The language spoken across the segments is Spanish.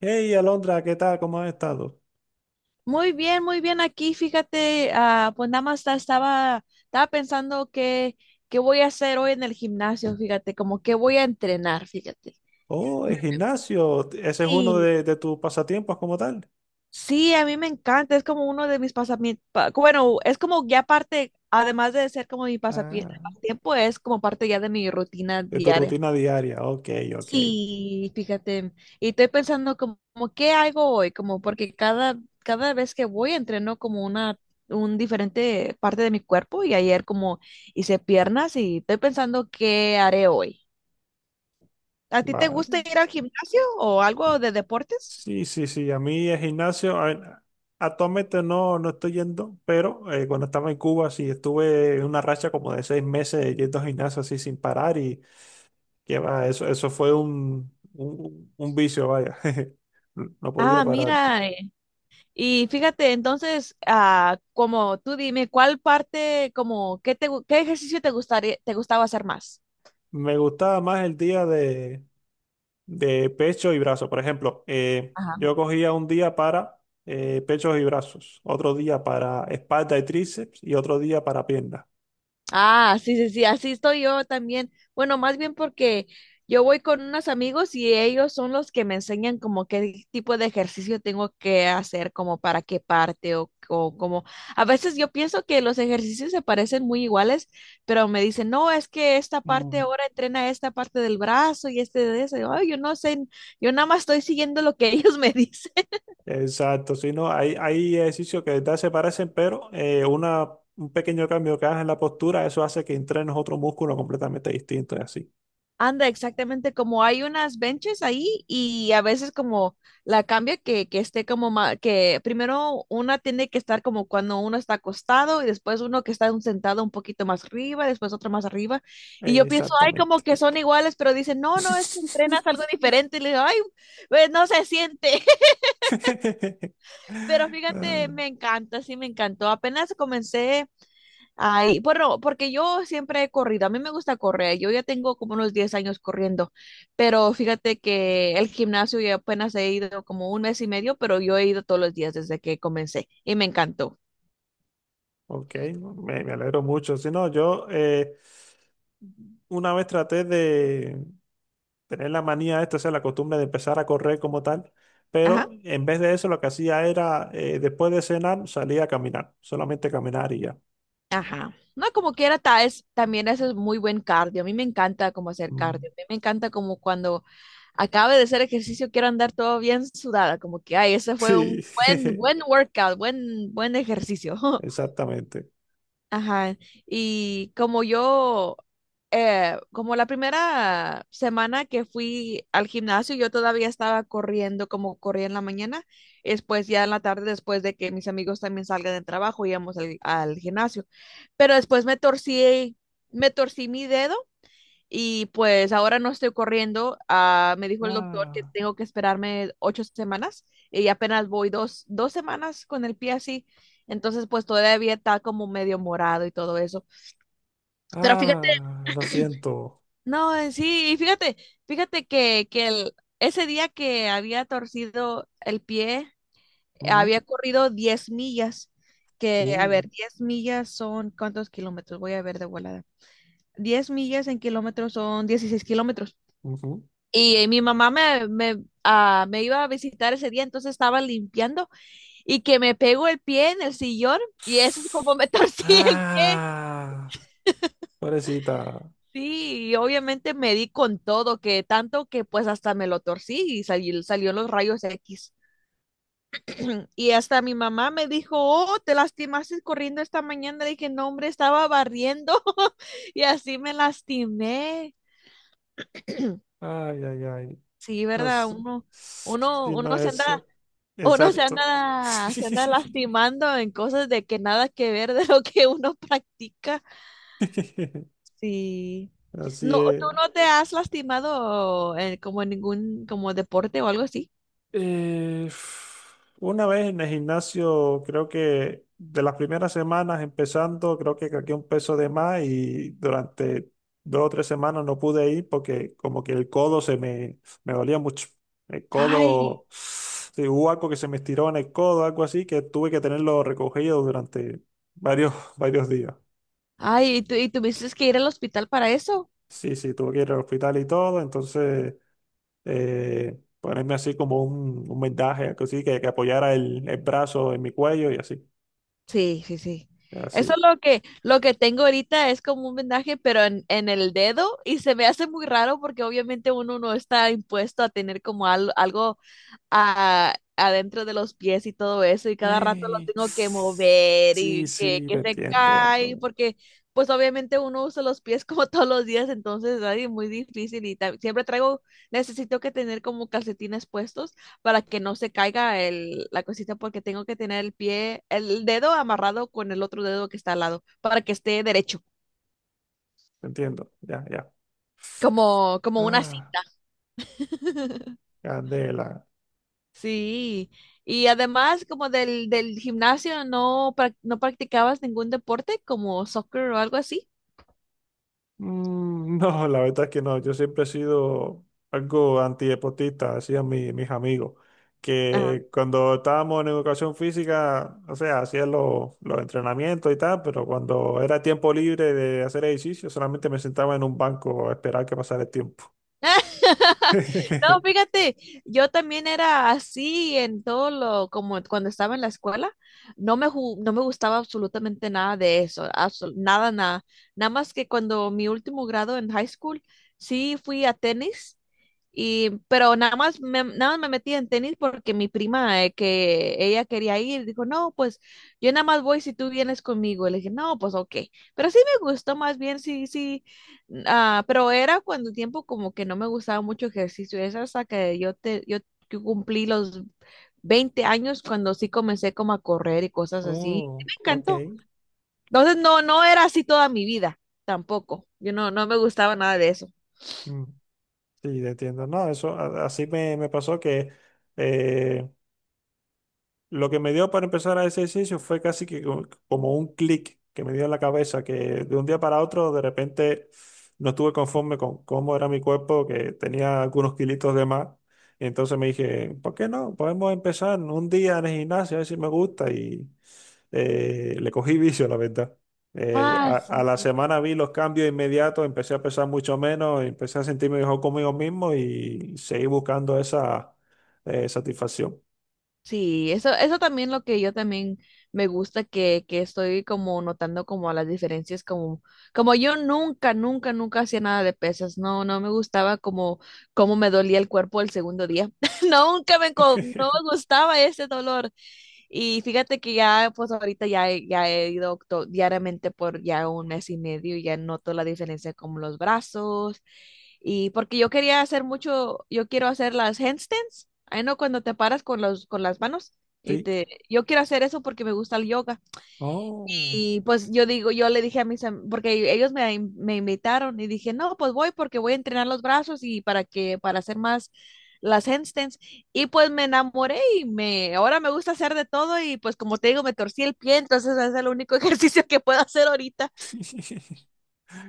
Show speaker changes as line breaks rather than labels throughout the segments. Hey, Alondra, ¿qué tal? ¿Cómo has estado?
Muy bien aquí, fíjate, pues nada más estaba pensando qué voy a hacer hoy en el gimnasio, fíjate, como que voy a entrenar, fíjate.
Oh, el gimnasio, ese es uno
Sí.
de tus pasatiempos como tal.
Sí, a mí me encanta, es como uno de mis pasamientos, bueno, es como ya parte, además de ser como mi
Ah,
pasatiempo, es como parte ya de mi rutina
de tu
diaria.
rutina diaria. Ok, ok.
Sí, fíjate, y estoy pensando como, qué hago hoy, como porque cada vez que voy entreno como una un diferente parte de mi cuerpo y ayer como hice piernas y estoy pensando qué haré hoy. ¿A ti te gusta
Vale.
ir al gimnasio o algo de deportes?
Sí, sí, sí. A mí el gimnasio, ver, actualmente no, estoy yendo, pero cuando estaba en Cuba sí estuve en una racha como de 6 meses yendo al gimnasio así sin parar y que va, eso fue un vicio, vaya. No podía
Ah,
parar.
mira, y fíjate, entonces, como tú dime, ¿cuál parte, como, qué ejercicio te gustaría, te gustaba hacer más?
Me gustaba más el día de pecho y brazos. Por ejemplo, yo cogía un día para pechos y brazos, otro día para espalda y tríceps y otro día para piernas.
Ah, sí, sí, sí, así estoy yo también. Bueno, más bien porque yo voy con unos amigos y ellos son los que me enseñan como qué tipo de ejercicio tengo que hacer, como para qué parte o como... A veces yo pienso que los ejercicios se parecen muy iguales, pero me dicen, no, es que esta parte
Mm.
ahora entrena esta parte del brazo y este de eso. Ay, yo no sé, yo nada más estoy siguiendo lo que ellos me dicen.
Exacto, sí, no, hay ejercicios que de verdad se parecen, pero un pequeño cambio que hagas en la postura, eso hace que entrenes otro músculo completamente distinto y así.
Anda, exactamente, como hay unas benches ahí y a veces como la cambia que esté como que primero una tiene que estar como cuando uno está acostado y después uno que está un sentado un poquito más arriba, después otro más arriba. Y yo pienso, ay, como
Exactamente.
que son iguales, pero dicen, no, no, es que entrenas algo diferente. Y le digo, ay, pues no se siente, pero
Ah.
fíjate, me encanta, sí, me encantó. Apenas comencé. Ay, bueno, porque yo siempre he corrido, a mí me gusta correr, yo ya tengo como unos 10 años corriendo, pero fíjate que el gimnasio ya apenas he ido como un mes y medio, pero yo he ido todos los días desde que comencé y me encantó.
Ok, me alegro mucho. Si no, yo una vez traté de tener la manía esta, o sea, la costumbre de empezar a correr como tal,
Ajá,
pero en vez de eso lo que hacía era, después de cenar, salía a caminar, solamente caminar y ya.
ajá. No, como quiera, también eso es muy buen cardio, a mí me encanta como hacer
Mm.
cardio, a mí me encanta como cuando acabe de hacer ejercicio quiero andar todo bien sudada, como que, ay, ese fue
Sí,
un buen, buen workout, buen, buen ejercicio.
exactamente.
Ajá, y como yo, como la primera semana que fui al gimnasio, yo todavía estaba corriendo como corría en la mañana, y después ya en la tarde, después de que mis amigos también salgan del trabajo, íbamos al gimnasio, pero después me torcí, mi dedo y pues ahora no estoy corriendo. Me dijo el doctor que
Ah.
tengo que esperarme 8 semanas y apenas voy dos semanas con el pie así. Entonces, pues todavía está como medio morado y todo eso. Pero fíjate,
Ah, lo siento.
no, sí, y fíjate que ese día que había torcido el pie,
Ujú.
había corrido 10 millas. Que, a
uh,
ver, 10 millas son, ¿cuántos kilómetros? Voy a ver de volada. Diez millas en kilómetros son 16 kilómetros.
Ujú.
Y mi mamá me iba a visitar ese día, entonces estaba limpiando y que me pegó el pie en el sillón y eso es como me torcí el pie.
Ah, pobrecita.
Sí, y obviamente me di con todo, que tanto que pues hasta me lo torcí y salió los rayos X. Y hasta mi mamá me dijo, oh, te lastimaste corriendo esta mañana. Le dije, no, hombre, estaba barriendo y así me lastimé.
Ay, ay, ay.
Sí,
No
¿verdad?
sé.
Uno,
Si no
uno se anda
es.
Uno se
Exacto.
anda, se anda lastimando en cosas de que nada que ver de lo que uno practica. Sí.
Así
No, ¿tú
es.
no te has lastimado como en ningún como deporte o algo así?
Eh, una vez en el gimnasio, creo que de las primeras semanas empezando, creo que cargué un peso de más y durante 2 o 3 semanas no pude ir porque como que el codo se me, me dolía mucho. El
Ay,
codo, sí, hubo algo que se me estiró en el codo, algo así, que tuve que tenerlo recogido durante varios, varios días.
ay, ¿y tuviste que ir al hospital para eso?
Sí, sí, tuve que ir al hospital y todo, entonces... ponerme así como un vendaje, algo así, que apoyara el brazo en mi cuello y así,
Sí, sí, sí. Eso es
así.
lo que tengo ahorita es como un vendaje, pero en el dedo, y se me hace muy raro porque obviamente uno no está impuesto a tener como algo, adentro de los pies y todo eso, y cada rato lo
Ey,
tengo que mover
sí,
y que,
sí,
que se cae, porque pues obviamente uno usa los pies como todos los días, entonces ay, muy difícil y siempre traigo, necesito que tener como calcetines puestos para que no se caiga la cosita porque tengo que tener el pie, el dedo amarrado con el otro dedo que está al lado para que esté derecho,
te entiendo, ya, ya.
como una
Ah,
cinta.
candela.
Sí, y además como del gimnasio no, no practicabas ningún deporte como soccer o algo así.
Mm. No, la verdad es que no. Yo siempre he sido algo antideportista, decían mis amigos,
Ajá.
que cuando estábamos en educación física, o sea, hacían los entrenamientos y tal, pero cuando era tiempo libre de hacer ejercicio, solamente me sentaba en un banco a esperar que pasara el tiempo.
No, fíjate, yo también era así en todo lo, como cuando estaba en la escuela, no me gustaba absolutamente nada de eso, nada, nada, nada más que cuando mi último grado en high school, sí fui a tenis pero nada más me metí en tenis porque mi prima, que ella quería ir, dijo, no, pues yo nada más voy si tú vienes conmigo. Y le dije, no, pues ok. Pero sí me gustó más bien, sí, sí. Pero era cuando tiempo como que no me gustaba mucho ejercicio. Es hasta que yo cumplí los 20 años cuando sí comencé como a correr y cosas así.
Oh,
Me encantó.
ok.
Entonces no, no era así toda mi vida tampoco. Yo no, no me gustaba nada de eso.
Mm, sí, te entiendo. No, eso así me pasó que eh, lo que me dio para empezar a ese ejercicio fue casi que como un clic que me dio en la cabeza, que de un día para otro de repente no estuve conforme con cómo era mi cuerpo, que tenía algunos kilitos de más. Y entonces me dije, ¿por qué no? Podemos empezar un día en el gimnasio, a ver si me gusta. Y le cogí vicio, la verdad.
Ah,
A
sí.
la semana vi los cambios inmediatos, empecé a pesar mucho menos, empecé a sentirme mejor conmigo mismo y seguí buscando esa satisfacción.
Sí, eso, también lo que yo también me gusta que estoy como notando como las diferencias como yo nunca, nunca, nunca hacía nada de pesas. No, no me gustaba como me dolía el cuerpo el segundo día. Nunca no me gustaba ese dolor. Y fíjate que ya, pues ahorita ya, ya he ido diariamente por ya un mes y medio y ya noto la diferencia como los brazos. Y porque yo quería hacer mucho, yo quiero hacer las handstands, ahí no cuando te paras con las manos y
Sí.
yo quiero hacer eso porque me gusta el yoga.
Oh.
Y pues yo digo, yo le dije a porque ellos me invitaron y dije, no, pues voy porque voy a entrenar los brazos y para hacer más las handstands. Y pues me enamoré y ahora me gusta hacer de todo y pues como te digo, me torcí el pie, entonces ese es el único ejercicio que puedo hacer ahorita.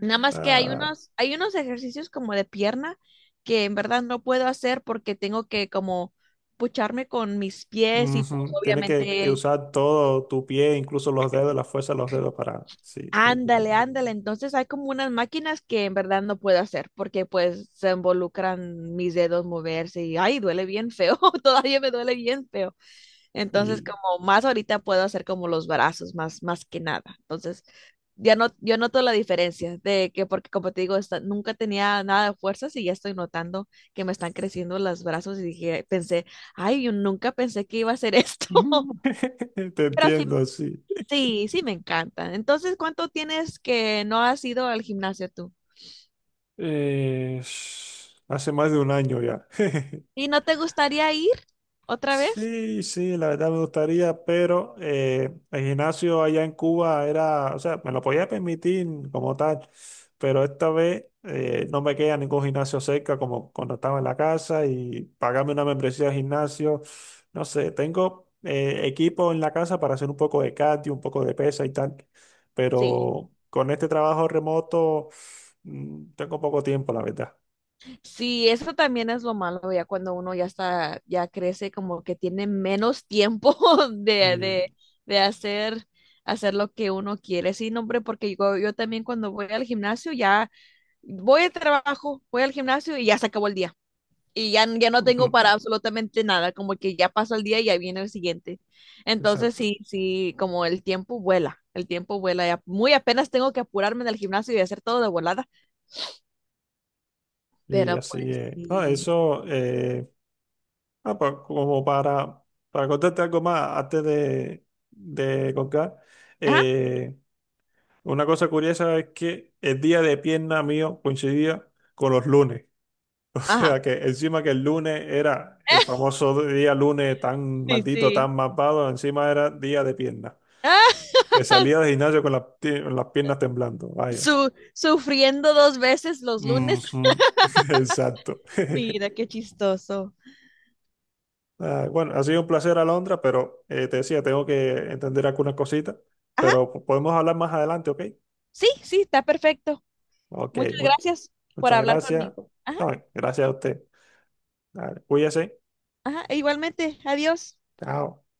Nada más que hay
Ah,
unos ejercicios como de pierna que en verdad no puedo hacer porque tengo que como pucharme con mis pies y pues
ujú. Tiene que
obviamente
usar todo tu pie, incluso los dedos, la fuerza de los dedos para... Sí, te
ándale,
entiendo.
ándale. Entonces hay como unas máquinas que en verdad no puedo hacer porque pues se involucran mis dedos moverse y ay, duele bien feo, todavía me duele bien feo. Entonces,
Y...
como más ahorita puedo hacer como los brazos, más, más que nada. Entonces, ya no, yo noto la diferencia de que, porque como te digo, nunca tenía nada de fuerzas y ya estoy notando que me están creciendo los brazos y dije, pensé, ay, yo nunca pensé que iba a hacer esto.
Mm, te
Pero sí,
entiendo, sí.
sí, sí me encanta. Entonces, ¿cuánto tienes que no has ido al gimnasio tú?
Eh, hace más de un año ya.
¿Y no te gustaría ir otra vez?
Sí, sí, la verdad me gustaría, pero el gimnasio allá en Cuba era, o sea, me lo podía permitir como tal, pero esta vez no me queda ningún gimnasio cerca como cuando estaba en la casa y pagarme una membresía de gimnasio, no sé, tengo equipo en la casa para hacer un poco de cardio, un poco de pesa y tal,
Sí.
pero con este trabajo remoto mm, tengo poco tiempo, la verdad.
Sí, eso también es lo malo, ya cuando uno ya está, ya crece, como que tiene menos tiempo de, de,
Y,
de hacer lo que uno quiere. Sí, no, hombre, porque yo también cuando voy al gimnasio ya voy al trabajo, voy al gimnasio y ya se acabó el día. Y ya no
ujú,
tengo para absolutamente nada, como que ya pasó el día y ya viene el siguiente. Entonces,
exacto.
sí, sí, como el tiempo vuela, el tiempo vuela. Ya muy apenas tengo que apurarme del gimnasio y hacer todo de volada,
Y
pero
así
pues
es. No,
sí.
eso, como para contarte algo más antes de colgar,
Ajá,
eh, una cosa curiosa es que el día de pierna mío coincidía con los lunes. O
ajá.
sea que encima que el lunes era el famoso día lunes tan
Sí,
maldito,
sí.
tan malvado, encima era día de pierna.
Ah,
Que salía del gimnasio con las, con las piernas temblando, vaya.
sufriendo dos veces los lunes.
Ujú. Exacto.
Mira, qué chistoso.
Ah, bueno, ha sido un placer, Alondra, pero te decía, tengo que entender algunas cositas,
Ajá,
pero podemos hablar más adelante, ¿ok?
sí, sí, está perfecto.
Ok,
Muchas gracias por
muchas
hablar
gracias.
conmigo. Ajá,
No, gracias a usted. Dale, cuídese.
ajá, e igualmente. Adiós.
Chao.